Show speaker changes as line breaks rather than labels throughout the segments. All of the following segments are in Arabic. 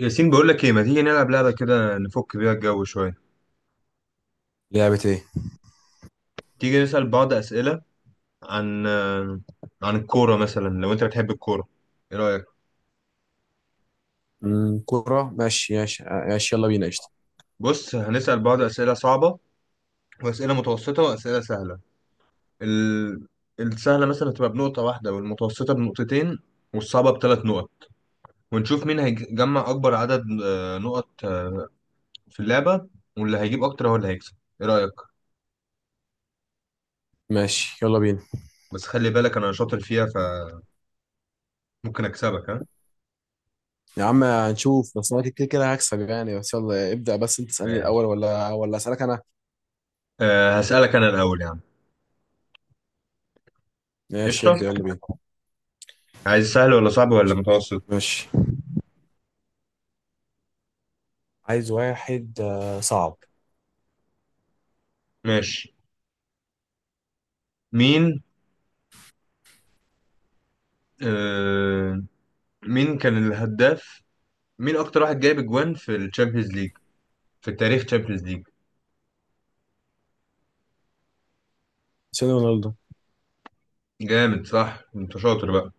ياسين بقول لك ايه، ما تيجي نلعب لعبة كده نفك بيها الجو شوية؟
لعبة ايه؟
تيجي نسأل بعض أسئلة عن عن الكورة مثلا لو انت بتحب الكورة. ايه رأيك؟
كورة، ماشي ماشي ماشي، يلا بينا قشطة.
بص، هنسأل بعض أسئلة صعبة وأسئلة متوسطة وأسئلة سهلة. ال... السهلة مثلا هتبقى بنقطة واحدة، والمتوسطة بنقطتين، والصعبة بثلاث نقط. ونشوف مين هيجمع أكبر عدد نقط في اللعبة، واللي هيجيب أكتر هو اللي هيكسب. ايه رأيك؟
ماشي يلا بينا.
بس خلي بالك أنا شاطر فيها، فممكن أكسبك، ها.
يا عم هنشوف، بس انا كده كده هكسب يعني، بس يلا ابدأ، بس انت تسألني الأول
ماشي.
ولا أسألك أنا؟
أه، هسألك أنا الأول يا عم.
ماشي
قشطة.
ابدأ يلا بينا.
عايز سهل ولا صعب ولا متوسط؟
ماشي، عايز واحد صعب.
ماشي. مين، آه، مين كان الهداف، مين أكتر واحد جايب أجوان في الشامبيونز ليج في التاريخ، تشامبيونز ليج؟
سيدي رونالدو.
جامد، صح، أنت شاطر بقى.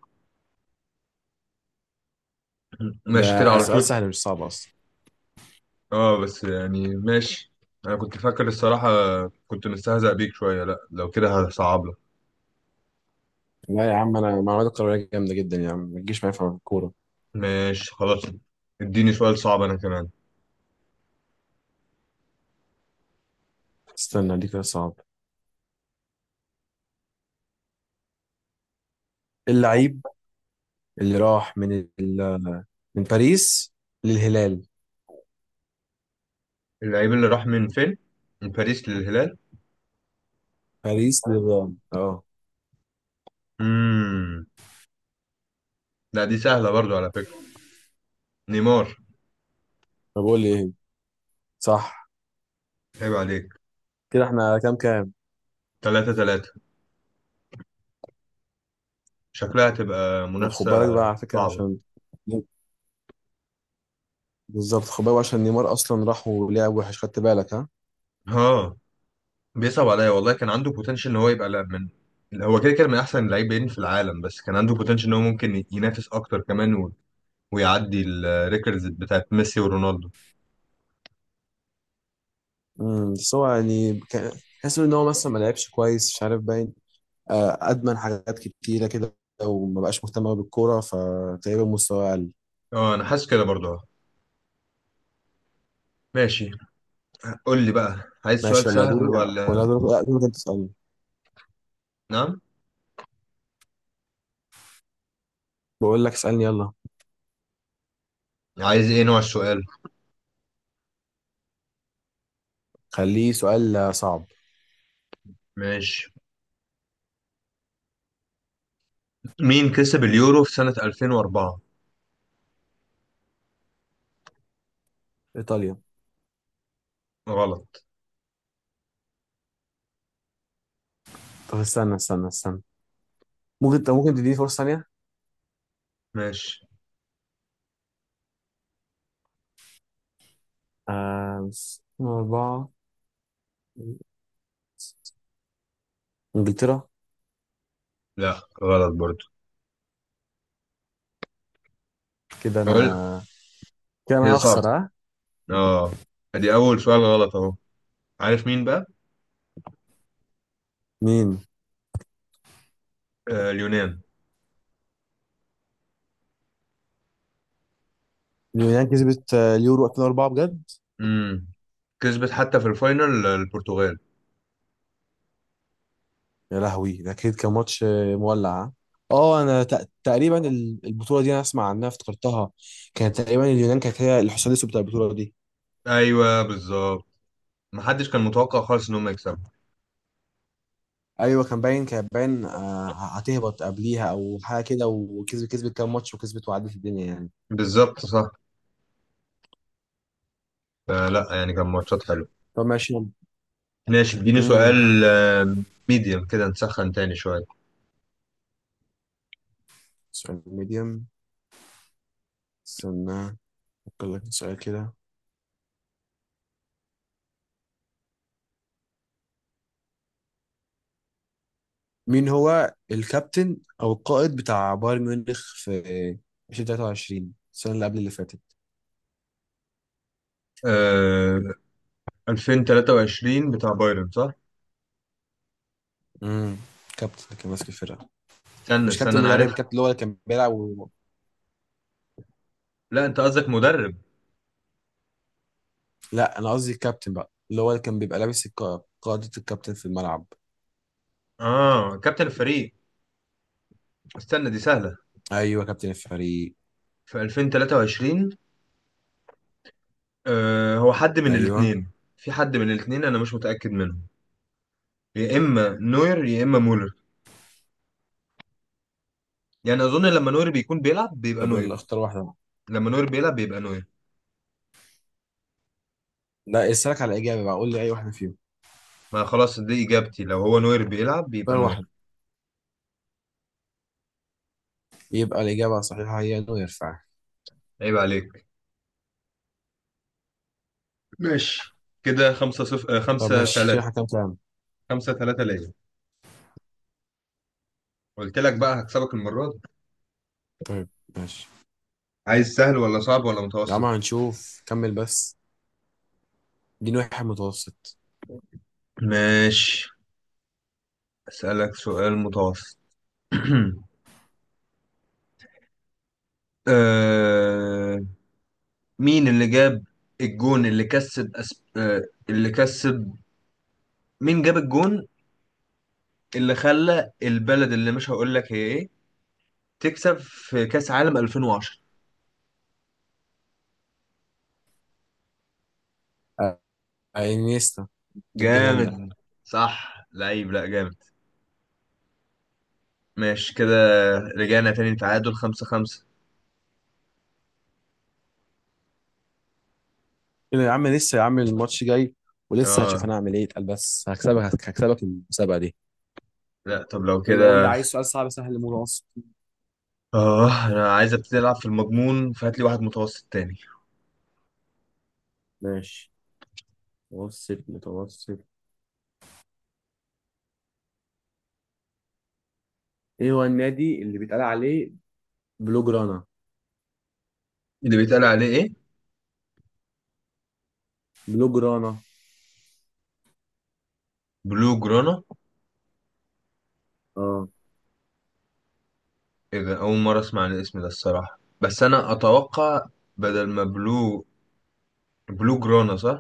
ماشي كده
ده
على لا
سؤال
طول.
سهل مش صعب أصلا.
أه بس يعني ماشي، أنا كنت فاكر الصراحة، كنت مستهزأ بيك شوية. لأ لو كده هصعب لك.
لا يا عم، أنا معلومات الكروية جامدة جدا يا عم، ما تجيش معايا في الكورة.
ماشي خلاص، اديني سؤال صعب أنا كمان.
استنى دي كده صعب. اللعيب اللي راح من ال... من باريس للهلال.
اللعيب اللي راح من فين؟ من باريس للهلال؟
باريس للهلال، اه.
مم. لا دي سهلة برضو على فكرة. نيمار.
طب قول لي ايه، صح.
عيب عليك.
كده احنا كام كام؟
تلاتة تلاتة، شكلها هتبقى
خد
منافسة
بالك بقى على فكرة
صعبة،
عشان، بالظبط خد بالك بقى عشان نيمار اصلا راح ولعب وحش، خدت بالك ها.
ها. بيصعب عليا والله، كان عنده بوتنشال ان هو يبقى لا من، هو كده كده من احسن اللاعبين في العالم، بس كان عنده بوتنشال ان هو ممكن ينافس اكتر كمان ويعدي الريكوردز بتاعت ميسي ورونالدو.
بس هو يعني تحس ان هو مثلا ما لعبش كويس، مش عارف، باين ادمن حاجات كتيرة كده، وما بقاش مهتم أوي بالكورة، فتقريبا مستواه اقل.
اه انا حاسس كده برضه ماشي. قول لي بقى، عايز
ماشي
سؤال
يلا دوري،
سهل ولا؟
ولا دوري لا، دوري انت تسألني.
نعم.
بقول لك اسألني يلا.
عايز ايه نوع السؤال؟
خليه سؤال صعب.
ماشي. مين كسب اليورو في سنة 2004؟
ايطاليا.
غلط.
طب استنى استنى استنى، ممكن، طب ممكن تديني فرصة ثانية.
ماشي.
آه، أربعة، إنجلترا.
لا غلط برضه.
كده أنا
قول.
كان
هي
هخسر
صعبة،
ها.
اه. دي اول سؤال غلط اهو. عارف مين بقى؟
مين؟
آه، اليونان.
اليونان كسبت اليورو 2004 بجد.
امم، كسبت حتى في الفاينل البرتغال.
يا لهوي، ده اكيد كان ماتش مولع ها؟ اه انا تقريبا البطوله دي انا اسمع عنها افتكرتها. كانت تقريبا اليونان كانت هي الحصان الاسود بتاع البطوله دي.
ايوه بالظبط، محدش كان متوقع خالص ان هم يكسبوا.
ايوه، كان باين هتهبط قبليها او حاجه كده، وكسبت، كام ماتش وكسبت وعدت الدنيا يعني.
بالظبط صح، فلا يعني كان ماتشات حلوه.
طب ماشي.
ماشي، اديني
امم،
سؤال ميديم كده نسخن تاني شويه.
سؤال ميديم، استنى افكر لك في سؤال كده. مين هو الكابتن او القائد بتاع بايرن ميونخ في 2023، السنه اللي قبل اللي فاتت.
آه، 2023 بتاع بايرن صح؟
امم، كابتن اللي كان ماسك الفرقه.
استنى
مش كابتن
انا
مدرب،
عارفها.
الكابتن اللي هو اللي كان بيلعب و...
لا انت قصدك مدرب؟
لا انا قصدي الكابتن بقى، اللي هو اللي كان بيبقى لابس قاعدة الكابتن في الملعب.
اه، كابتن الفريق. استنى، دي سهله.
ايوه كابتن الفريق.
في 2023، آه، هو حد من
ايوه.
الاثنين. في حد من الاثنين انا مش متاكد منه، يا اما نوير يا اما مولر. يعني اظن لما نوير بيكون بيلعب بيبقى
طب يلا
نوير.
اختار واحده.
لما نوير بيلعب بيبقى نوير.
لا اسالك على الاجابه بقى، قول لي اي واحده فيهم.
ما خلاص دي اجابتي، لو هو نوير بيلعب بيبقى
اختار واحد.
نوير.
يبقى الاجابه الصحيحه هي انه يرفع.
عيب عليك. ماشي كده خمسة صف... آه،
طب
خمسة
ماشي، كده
تلاتة.
احنا كام كام؟
خمسة تلاتة ليا، قلت لك بقى هكسبك المرة دي.
طيب ماشي.
عايز سهل ولا صعب ولا
يا عم
متوسط؟
هنشوف، كمل بس. دي واحد متوسط.
ماشي، أسألك سؤال متوسط. آه... مين اللي جاب الجون اللي كسب اللي كسب، مين جاب الجون اللي خلى البلد اللي مش هقول لك هي ايه تكسب في كاس عالم 2010؟
انيستا. ضد هولندا.
جامد، صح لعيب، لا جامد. ماشي كده، رجعنا تاني تعادل خمسة خمسة.
كده يا عم لسه، يا عم الماتش جاي، ولسه هشوف
اه.
انا هعمل ايه، اتقل بس هكسبك، هكسبك المسابقه دي.
لا طب لو
يلا قول لي،
كده.
عايز سؤال صعب سهل متوسط.
اه انا عايز ابتدي العب في المضمون، فهات لي واحد متوسط تاني.
ماشي، متوسط متوسط. ايه هو النادي اللي بيتقال عليه بلو جرانا؟
اللي بيتقال عليه ايه؟
بلو جرانا،
بلو جرانا؟
اه.
ايه ده، اول مره اسمع عن الاسم ده الصراحه، بس انا اتوقع، بدل ما بلو، بلو جرانا صح؟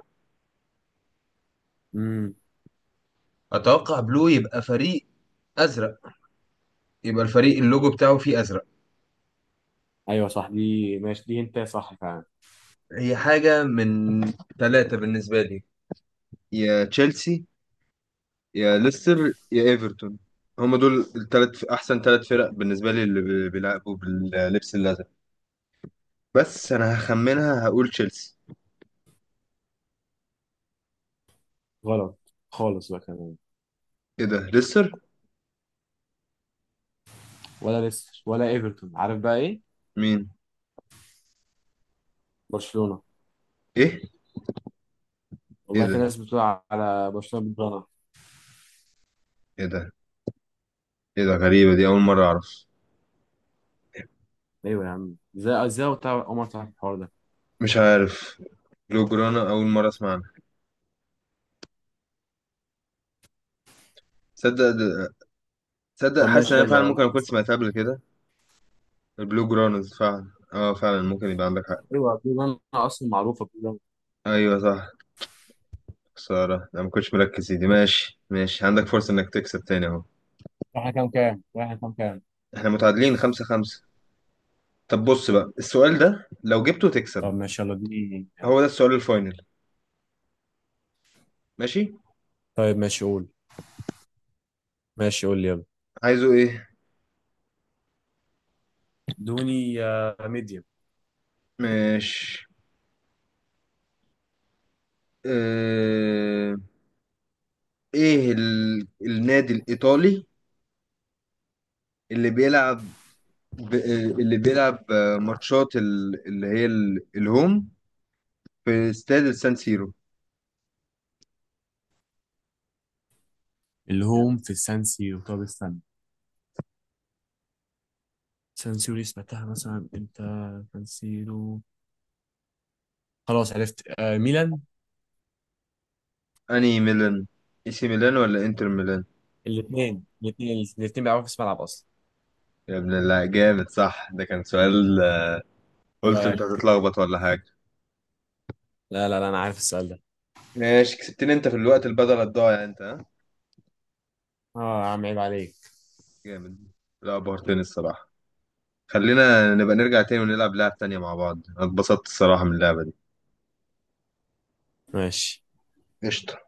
امم.
اتوقع بلو يبقى فريق ازرق، يبقى الفريق اللوجو بتاعه فيه ازرق.
ايوه صح، دي ماشي، دي انت صح فعلا.
هي حاجة من ثلاثة بالنسبة لي، يا تشيلسي يا ليستر يا ايفرتون. هما دول الثلاث احسن ثلاث فرق بالنسبة لي اللي بيلعبوا باللبس الازرق. بس انا هخمنها، هقول تشيلسي.
غلط خالص بقى كمان.
ايه ده، ليستر؟
ولا ليستر ولا ايفرتون، عارف بقى ايه؟
مين؟
برشلونة.
ايه؟ ايه
والله في
ده؟
ناس بتقول على برشلونة بلو جرانا.
ايه ده؟ ايه ده، غريبة، دي اول مرة اعرف.
ايوه يا عم، ازاي ازاي عمر تعرف، اول مره تعرف الحوار ده.
مش عارف، بلو جرانا اول مرة اسمع عنها. تصدق ده- تصدق،
طب
حاسس ان
ماشي
انا فعلا
يلا.
ممكن اكون سمعتها قبل كده. البلو جرانز، فعلا اه فعلا ممكن يبقى عندك حق.
ايوه بلو لاين اصلا، معروفه بلو لاين.
ايوه صح. خسارة أنا ما كنتش مركز، يا دي ماشي ماشي، عندك فرصة إنك تكسب تاني أهو.
واحنا كام كام؟
إحنا متعادلين خمسة خمسة. طب بص بقى، السؤال ده لو جبته تكسب،
طب ماشي يلا اديني.
هو ده السؤال الفاينل. ماشي.
طيب ماشي قول، ماشي قول لي يلا.
عايزه إيه؟
ادوني ميديم.
ماشي. اه... إيه النادي الإيطالي اللي بيلعب ب... آه، اللي بيلعب ماتشات اللي هي الهوم في استاد السان سيرو؟
الهوم في السان سيرو، طب استنى، سان سيرو دي سمعتها مثلا امتى. سان سيرو، خلاص عرفت، آه ميلان.
أنهي ميلان، إي سي ميلان ولا إنتر ميلان؟
الاثنين الاثنين الاثنين بيلعبوا في نفس الملعب اصلا.
يا ابن الله، جامد صح، ده كان سؤال،
ايه
قلت انت
رايك؟
هتتلخبط ولا حاجة.
لا لا لا، انا عارف السؤال ده.
ماشي كسبتني انت في الوقت البدل الضايع، انت، ها.
اه يا عم عيب عليك.
جامد، لا بهرتني الصراحة. خلينا نبقى نرجع تاني ونلعب لعب تانية مع بعض، أنا اتبسطت الصراحة من اللعبة دي.
ماشي
قشطة.